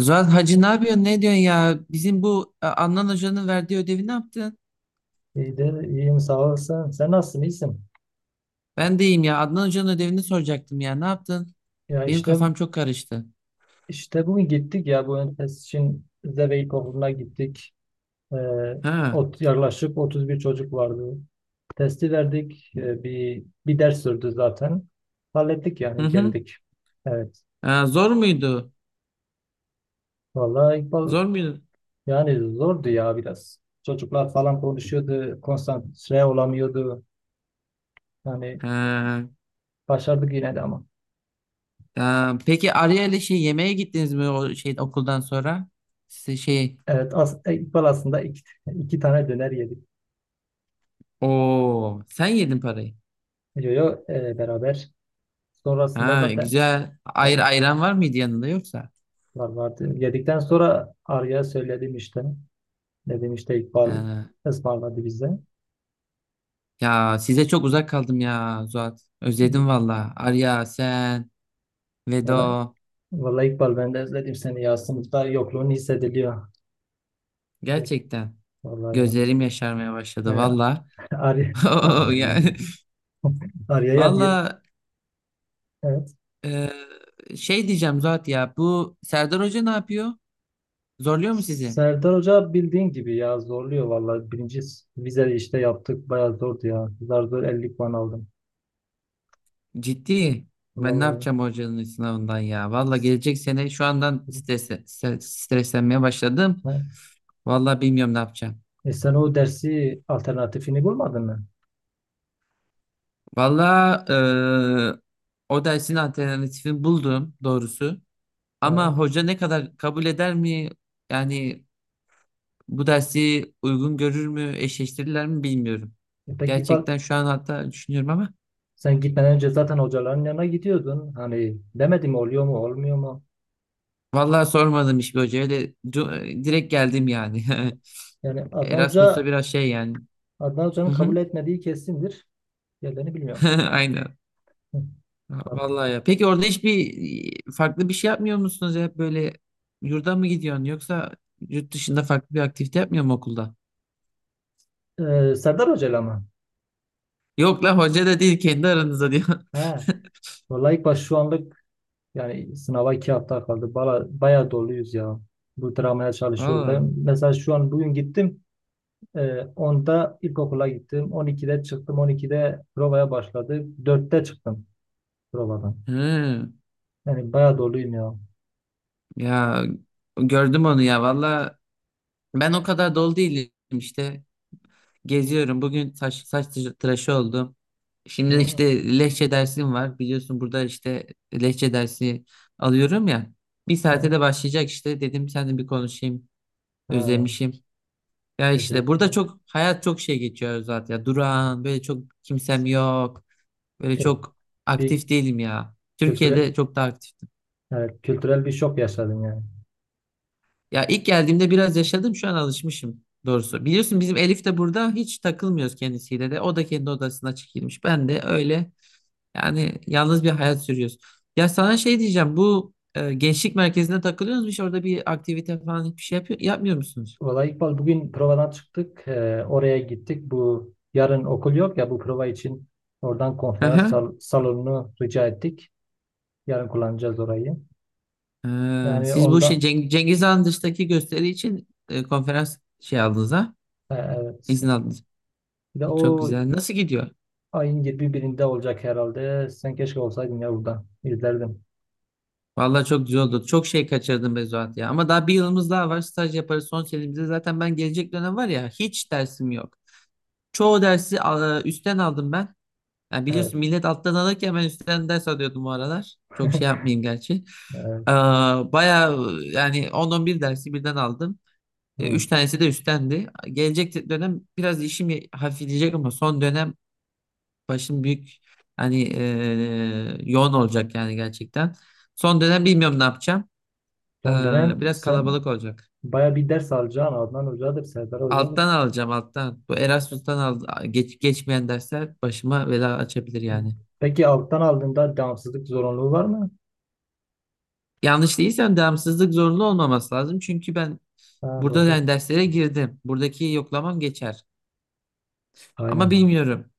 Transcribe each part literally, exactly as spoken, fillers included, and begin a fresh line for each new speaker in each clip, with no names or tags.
Zuhal Hacı ne yapıyorsun? Ne diyorsun ya? Bizim bu e, Adnan Hoca'nın verdiği ödevi ne yaptın?
İyidir, iyiyim, sağ olasın. Sen nasılsın, iyisin?
Ben de iyiyim ya. Adnan Hoca'nın ödevini soracaktım ya. Ne yaptın?
Ya
Benim
işte
kafam çok karıştı.
işte bugün gittik ya bu ön test için Zeveyk okuluna gittik. Ee,
Ha.
ot, yaklaşık otuz bir çocuk vardı. Testi verdik. Ee, bir bir ders sürdü zaten. Hallettik,
Hı
yani
hı.
geldik. Evet.
Ha, zor muydu?
Vallahi İkbal,
Zor muydu?
yani zordu ya biraz. Çocuklar falan konuşuyordu, konsantre olamıyordu. Yani
Ha.
başardık yine de ama.
Ha, peki Arya ile şey yemeğe gittiniz mi o şey okuldan sonra? Size şey
Evet, as, İkbal aslında iki, iki tane döner yedik.
o sen yedin parayı.
Yo yo, e, beraber. Sonrasında
Ha,
zaten,
güzel. Ayr
evet,
ayran var mıydı yanında yoksa?
var vardı. Yedikten sonra Arya söyledim işte. Dedim işte İkbal
Ha.
ısmarladı bize.
Ya size çok uzak kaldım ya Zuhat. Özledim valla. Arya sen
Vallahi,
Vedo
vallahi İkbal, ben de özledim seni ya. Sınıfta yokluğun hissediliyor. Evet,
gerçekten
vallahi ya.
gözlerim yaşarmaya başladı
Yani
valla.
Arya,
Yani
Arya'ya diye.
valla,
Evet.
e, şey diyeceğim Zuhat ya, bu Serdar Hoca ne yapıyor? Zorluyor mu sizi?
Serdar Hoca bildiğin gibi ya, zorluyor vallahi. Birinci vize işte yaptık. Bayağı zordu ya. Zar zor elli puan aldım.
Ciddi. Ben ne
Vallahi.
yapacağım hocanın sınavından ya? Valla gelecek sene şu andan stres, stre- streslenmeye başladım. Valla bilmiyorum ne yapacağım.
E sen o dersi alternatifini bulmadın mı?
Valla, e, o dersin alternatifini buldum doğrusu.
Evet.
Ama hoca ne kadar kabul eder mi? Yani bu dersi uygun görür mü, eşleştirirler mi bilmiyorum.
E Peki İkbal,
Gerçekten şu an hatta düşünüyorum ama
sen gitmeden önce zaten hocaların yanına gidiyordun. Hani demedim, oluyor mu olmuyor mu?
vallahi sormadım hiçbir hocaya. Öyle du- direkt geldim yani.
Yani Adnan
Erasmus'ta
Hoca
biraz şey yani.
Adnan
Hı
Hoca'nın
hı.
kabul etmediği kesindir. Yerlerini bilmiyorum.
Aynen.
Hı, artık.
Vallahi ya. Peki orada hiçbir farklı bir şey yapmıyor musunuz ya? Böyle yurda mı gidiyorsun yoksa yurt dışında farklı bir aktivite yapmıyor mu okulda?
Ee, Serdar Hoca'yla mı?
Yok lan, hoca da değil, kendi aranızda diyor.
He. Vallahi ilk baş şu anlık, yani sınava iki hafta kaldı. Bala, bayağı doluyuz ya. Bu dramaya çalışıyoruz.
Valla.
Ben mesela şu an bugün gittim. Ee, onda ilkokula gittim. on ikide çıktım. on ikide provaya başladı. dörtte çıktım provadan.
Hı.
Yani bayağı doluyum ya.
Ya gördüm onu ya. Valla ben o kadar dolu değilim işte. Geziyorum. Bugün saç, saç tı- tıraşı oldum. Şimdi
Hı.
işte lehçe dersim var. Biliyorsun burada işte lehçe dersi alıyorum ya. Bir saate
He.
de başlayacak işte. Dedim seninle bir konuşayım.
Ha,
Özlemişim. Ya işte burada
teşekkürler.
çok hayat çok şey geçiyor zaten ya. Durağan, böyle çok kimsem yok. Böyle
E,
çok
bir
aktif değilim ya.
kültürel,
Türkiye'de çok daha aktif.
evet, kültürel bir şok yaşadın yani.
Ya ilk geldiğimde biraz yaşadım, şu an alışmışım doğrusu. Biliyorsun bizim Elif de burada, hiç takılmıyoruz kendisiyle de. O da kendi odasına çekilmiş. Ben de öyle, yani yalnız bir hayat sürüyoruz. Ya sana şey diyeceğim, bu e, gençlik merkezinde takılıyorsunuz, hiç orada bir aktivite falan hiçbir şey yapıyor, yapmıyor musunuz?
Vallahi İkbal bugün provadan çıktık. E, oraya gittik. Bu yarın okul yok ya, bu prova için oradan
Hı
konferans
hı.
sal- salonunu rica ettik. Yarın kullanacağız orayı.
Ee,
Yani
siz bu şey
onda,
Ceng- Cengiz Han dıştaki gösteri için e, konferans şey aldınız ha?
e,
İzin
evet.
aldınız.
Bir de
E, çok
o
güzel. Nasıl gidiyor?
ayın yirmi birinde olacak herhalde. Sen keşke olsaydın ya burada, İzlerdim.
Vallahi çok güzel oldu. Çok şey kaçırdım be Zuhat ya. Ama daha bir yılımız daha var. Staj yaparız son senemizde. Zaten ben gelecek dönem var ya, hiç dersim yok. Çoğu dersi e, üstten aldım ben. Yani
Evet.
biliyorsun, millet alttan alırken ben üstten ders alıyordum bu aralar. Çok şey yapmayayım gerçi.
Evet.
Ee, Bayağı yani on on bir dersi birden aldım. E,
Hı.
Üç tanesi de üsttendi. Gelecek dönem biraz işim hafifleyecek ama son dönem başım büyük, hani e, yoğun olacak yani gerçekten. Son dönem bilmiyorum ne yapacağım. Ee,
Son dönem
biraz
sen
kalabalık olacak.
baya bir ders alacaksın. Adnan Hoca'dır, Serdar Hoca'dır.
Alttan alacağım, alttan. Bu Erasmus'tan al, geç, geçmeyen dersler başıma bela açabilir yani.
Peki alttan aldığında devamsızlık zorunluluğu var mı?
Yanlış değilsem devamsızlık zorunlu olmaması lazım. Çünkü ben
Ha,
burada
doğru.
yani derslere girdim. Buradaki yoklamam geçer. Ama
Aynen.
bilmiyorum.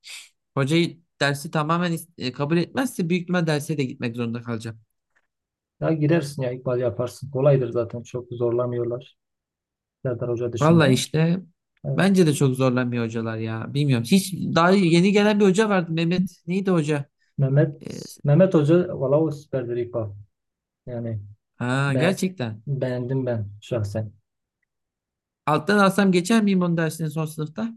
Hocayı dersi tamamen is- e, kabul etmezse büyük ihtimal derse de gitmek zorunda kalacağım.
Ya girersin ya ikbal yaparsın. Kolaydır zaten. Çok zorlamıyorlar. Serdar Hoca
Vallahi
dışında.
işte
Evet.
bence de çok zorlanmıyor hocalar ya. Bilmiyorum. Hiç daha yeni gelen bir hoca vardı, Mehmet. Neydi hoca?
Mehmet
Ee,
Mehmet Hoca valla o süperdir, ikbal. Yani
ha,
be,
gerçekten.
beğendim ben şahsen.
Alttan alsam geçer miyim onu dersini son sınıfta?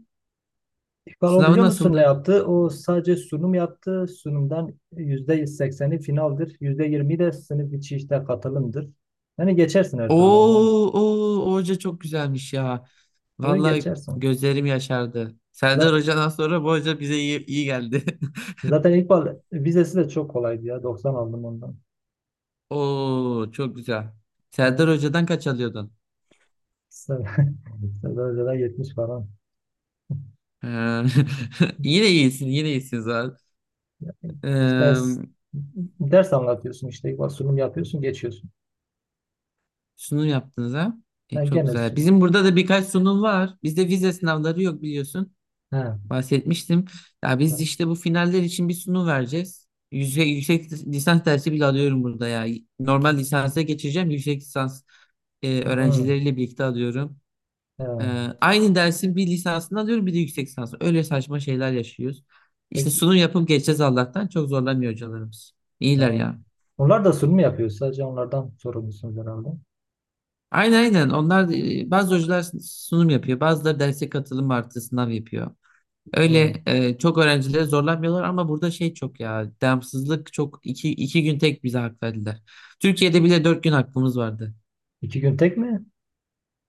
İkbal, o
Sınavı
biliyor musun ne
nasıldı?
yaptı? O sadece sunum yaptı. Sunumdan yüzde sekseni finaldir. yüzde yirmisi de sınıf içi işte katılımdır. Yani geçersin her türlü onu.
Oo, oo, o hoca çok güzelmiş ya.
Böyle
Vallahi
geçersin.
gözlerim yaşardı. Serdar
Za-
Hoca'dan sonra bu hoca bize iyi, iyi geldi.
Zaten İkbal vizesi de çok kolaydı ya. doksan aldım ondan.
Oo, çok güzel.
Yani
Serdar Hoca'dan kaç alıyordun?
sen, sen de önceden yetmiş falan.
Ee, yine iyisin, yine iyisin zaten.
Yani işte ders,
Ee,
ders anlatıyorsun işte İkbal, sunum yapıyorsun, geçiyorsun.
sunum yaptınız ha?
Ha,
E, çok
gene
güzel.
sunum.
Bizim burada da birkaç sunum var. Bizde vize sınavları yok, biliyorsun.
Ha.
Bahsetmiştim. Ya biz
Ha.
işte bu finaller için bir sunum vereceğiz. Yüksek, yüksek lisans dersi bile alıyorum burada ya. Normal lisansa geçeceğim. Yüksek lisans e,
Hı.
öğrencileriyle birlikte alıyorum. E,
Ha.
aynı dersin bir lisansını alıyorum, bir de yüksek lisansı. Öyle saçma şeyler yaşıyoruz. İşte
Peki.
sunum yapıp geçeceğiz Allah'tan. Çok zorlamıyor hocalarımız. İyiler
Ha.
ya.
Onlar da sunum yapıyor. Sadece onlardan sorumlusunuz herhalde.
Aynen, aynen. Onlar e, bazı hocalar sunum yapıyor. Bazıları derse katılım artı sınav yapıyor.
Hı.
Öyle e, çok öğrencileri zorlamıyorlar ama burada şey çok ya, devamsızlık çok, iki, iki gün tek bize hak verdiler. Türkiye'de bile dört gün hakkımız vardı.
İki gün tek mi?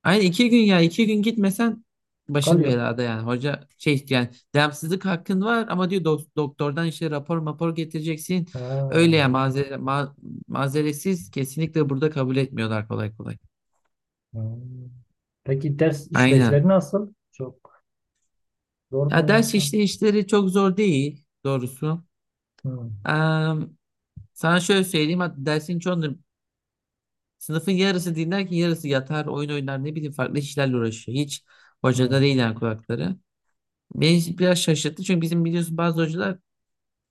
Aynı iki gün ya, iki gün gitmesen başın
Kalıyor.
belada yani, hoca şey yani devamsızlık hakkın var ama diyor dok- doktordan işte rapor mapor getireceksin. Öyle ya
Ha.
mazere, ma- mazeretsiz kesinlikle burada kabul etmiyorlar kolay kolay.
Hı. Peki ders
Aynen.
işleyişleri nasıl? Çok zor mu
Ya ders
yoksa?
işleyişleri çok zor değil doğrusu.
Hı.
Eee Sana şöyle söyleyeyim, hatta dersin çoğunu sınıfın yarısı dinlerken yarısı yatar, oyun oynar, ne bileyim farklı işlerle uğraşıyor. Hiç
Hı.
hocada değil yani kulakları. Beni biraz şaşırttı çünkü bizim biliyorsun bazı hocalar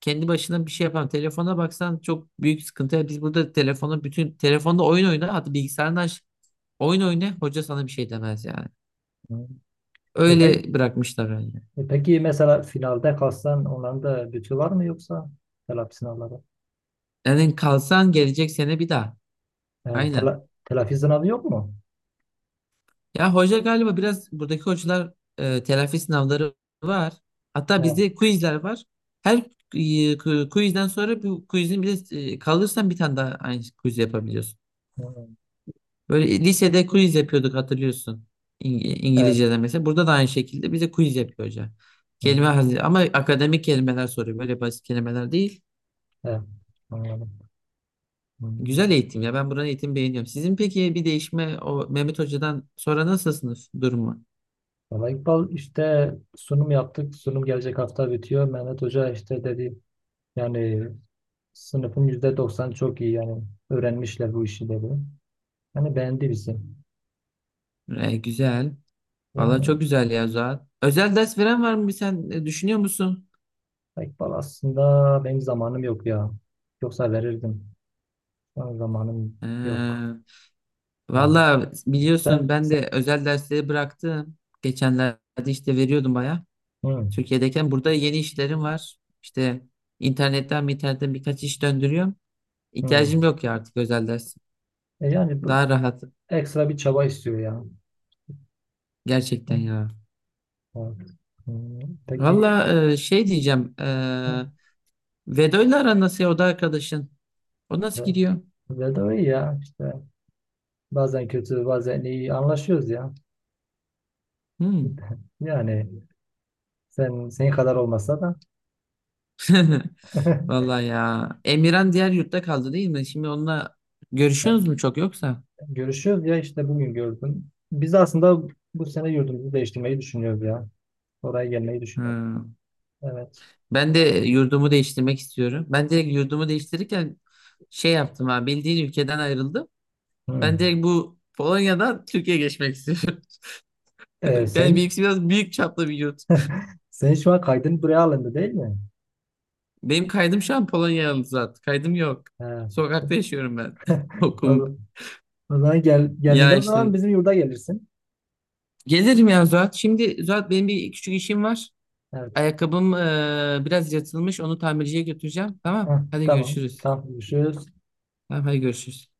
kendi başına bir şey yapan. Telefona baksan çok büyük sıkıntı. Yani biz burada telefonu bütün, telefonda oyun oyna, hatta bilgisayardan aç, oyun oyna, hoca sana bir şey demez yani.
Hı. E, pe-
Öyle bırakmışlar öyle.
E peki mesela finalde kalsan onların da bütü var mı, yoksa telafi sınavları?
Yani kalsan gelecek sene bir daha.
E,
Aynen.
tela, telafi sınavı yok mu?
Ya hoca galiba biraz, buradaki hocalar e, telafi sınavları var. Hatta
E,
bizde quizler var. Her e, ku- quizden sonra bu quizin bir de e, kalırsan bir tane daha aynı quiz yapabiliyorsun.
hmm,
Böyle lisede quiz yapıyorduk, hatırlıyorsun. İng
evet.
İngilizce'de mesela. Burada da aynı şekilde bize quiz yapıyor hoca. Kelime
Hmm,
hazır ama akademik kelimeler soruyor. Böyle basit kelimeler değil.
evet. Anladım. Hmm.
Güzel eğitim ya. Ben buranın eğitimi beğeniyorum. Sizin peki bir değişme o Mehmet Hoca'dan sonra, nasıl sınıf durumu?
Valla İkbal işte sunum yaptık. Sunum gelecek hafta bitiyor. Mehmet Hoca işte dedi, yani sınıfın yüzde doksan çok iyi, yani öğrenmişler bu işi dedi. Yani beğendi bizi.
E, güzel. Valla
Yani
çok güzel ya Zuhat. Özel ders veren var mı? Bir sen e, düşünüyor musun?
İkbal, aslında benim zamanım yok ya. Yoksa verirdim. Ama zamanım yok.
Ee,
Evet.
Valla biliyorsun
Sen,
ben
sen
de özel dersleri bıraktım. Geçenlerde işte veriyordum baya.
Hı,
Türkiye'deyken, burada yeni işlerim var. İşte internetten internetten birkaç iş döndürüyorum.
hı.
İhtiyacım yok ya artık özel ders.
E yani bu
Daha rahat
ekstra bir çaba istiyor ya. Hı,
gerçekten ya.
evet. Hı, peki
Valla, e, şey diyeceğim. E,
hı,
Vedo'yla aran nasıl ya, o da arkadaşın? O
ve,
nasıl gidiyor?
ve de o iyi ya işte bazen kötü bazen iyi anlaşıyoruz ya.
Hmm.
Yani sen, senin kadar olmasa da,
Vallahi ya. Emirhan diğer yurtta kaldı değil mi? Şimdi onunla
ya,
görüşüyorsunuz mu çok yoksa?
görüşüyoruz ya işte bugün gördüm. Biz aslında bu sene yurdumuzu değiştirmeyi düşünüyoruz ya. Oraya gelmeyi düşünüyoruz.
Ha.
Evet.
Ben de yurdumu değiştirmek istiyorum. Ben direkt yurdumu değiştirirken şey yaptım ha. Bildiğin ülkeden ayrıldım.
Hı.
Ben direkt bu Polonya'dan Türkiye'ye geçmek istiyorum.
E,
Yani
sen
benimkisi biraz büyük çaplı bir yurt.
sen şu an kaydın buraya alındı değil mi?
Benim kaydım şu an Polonyalı zaten. Kaydım yok.
Ha.
Sokakta yaşıyorum ben.
O,
Okulum.
O zaman, gel, geldiğinde
Ya
o zaman
işte.
bizim yurda gelirsin.
Gelirim ya Zuhat. Şimdi Zuhat, benim bir küçük işim var.
Evet.
Ayakkabım eee, biraz yırtılmış. Onu tamirciye götüreceğim. Tamam.
Heh,
Hadi
tamam.
görüşürüz.
Tamam. Görüşürüz.
Tamam, hadi görüşürüz.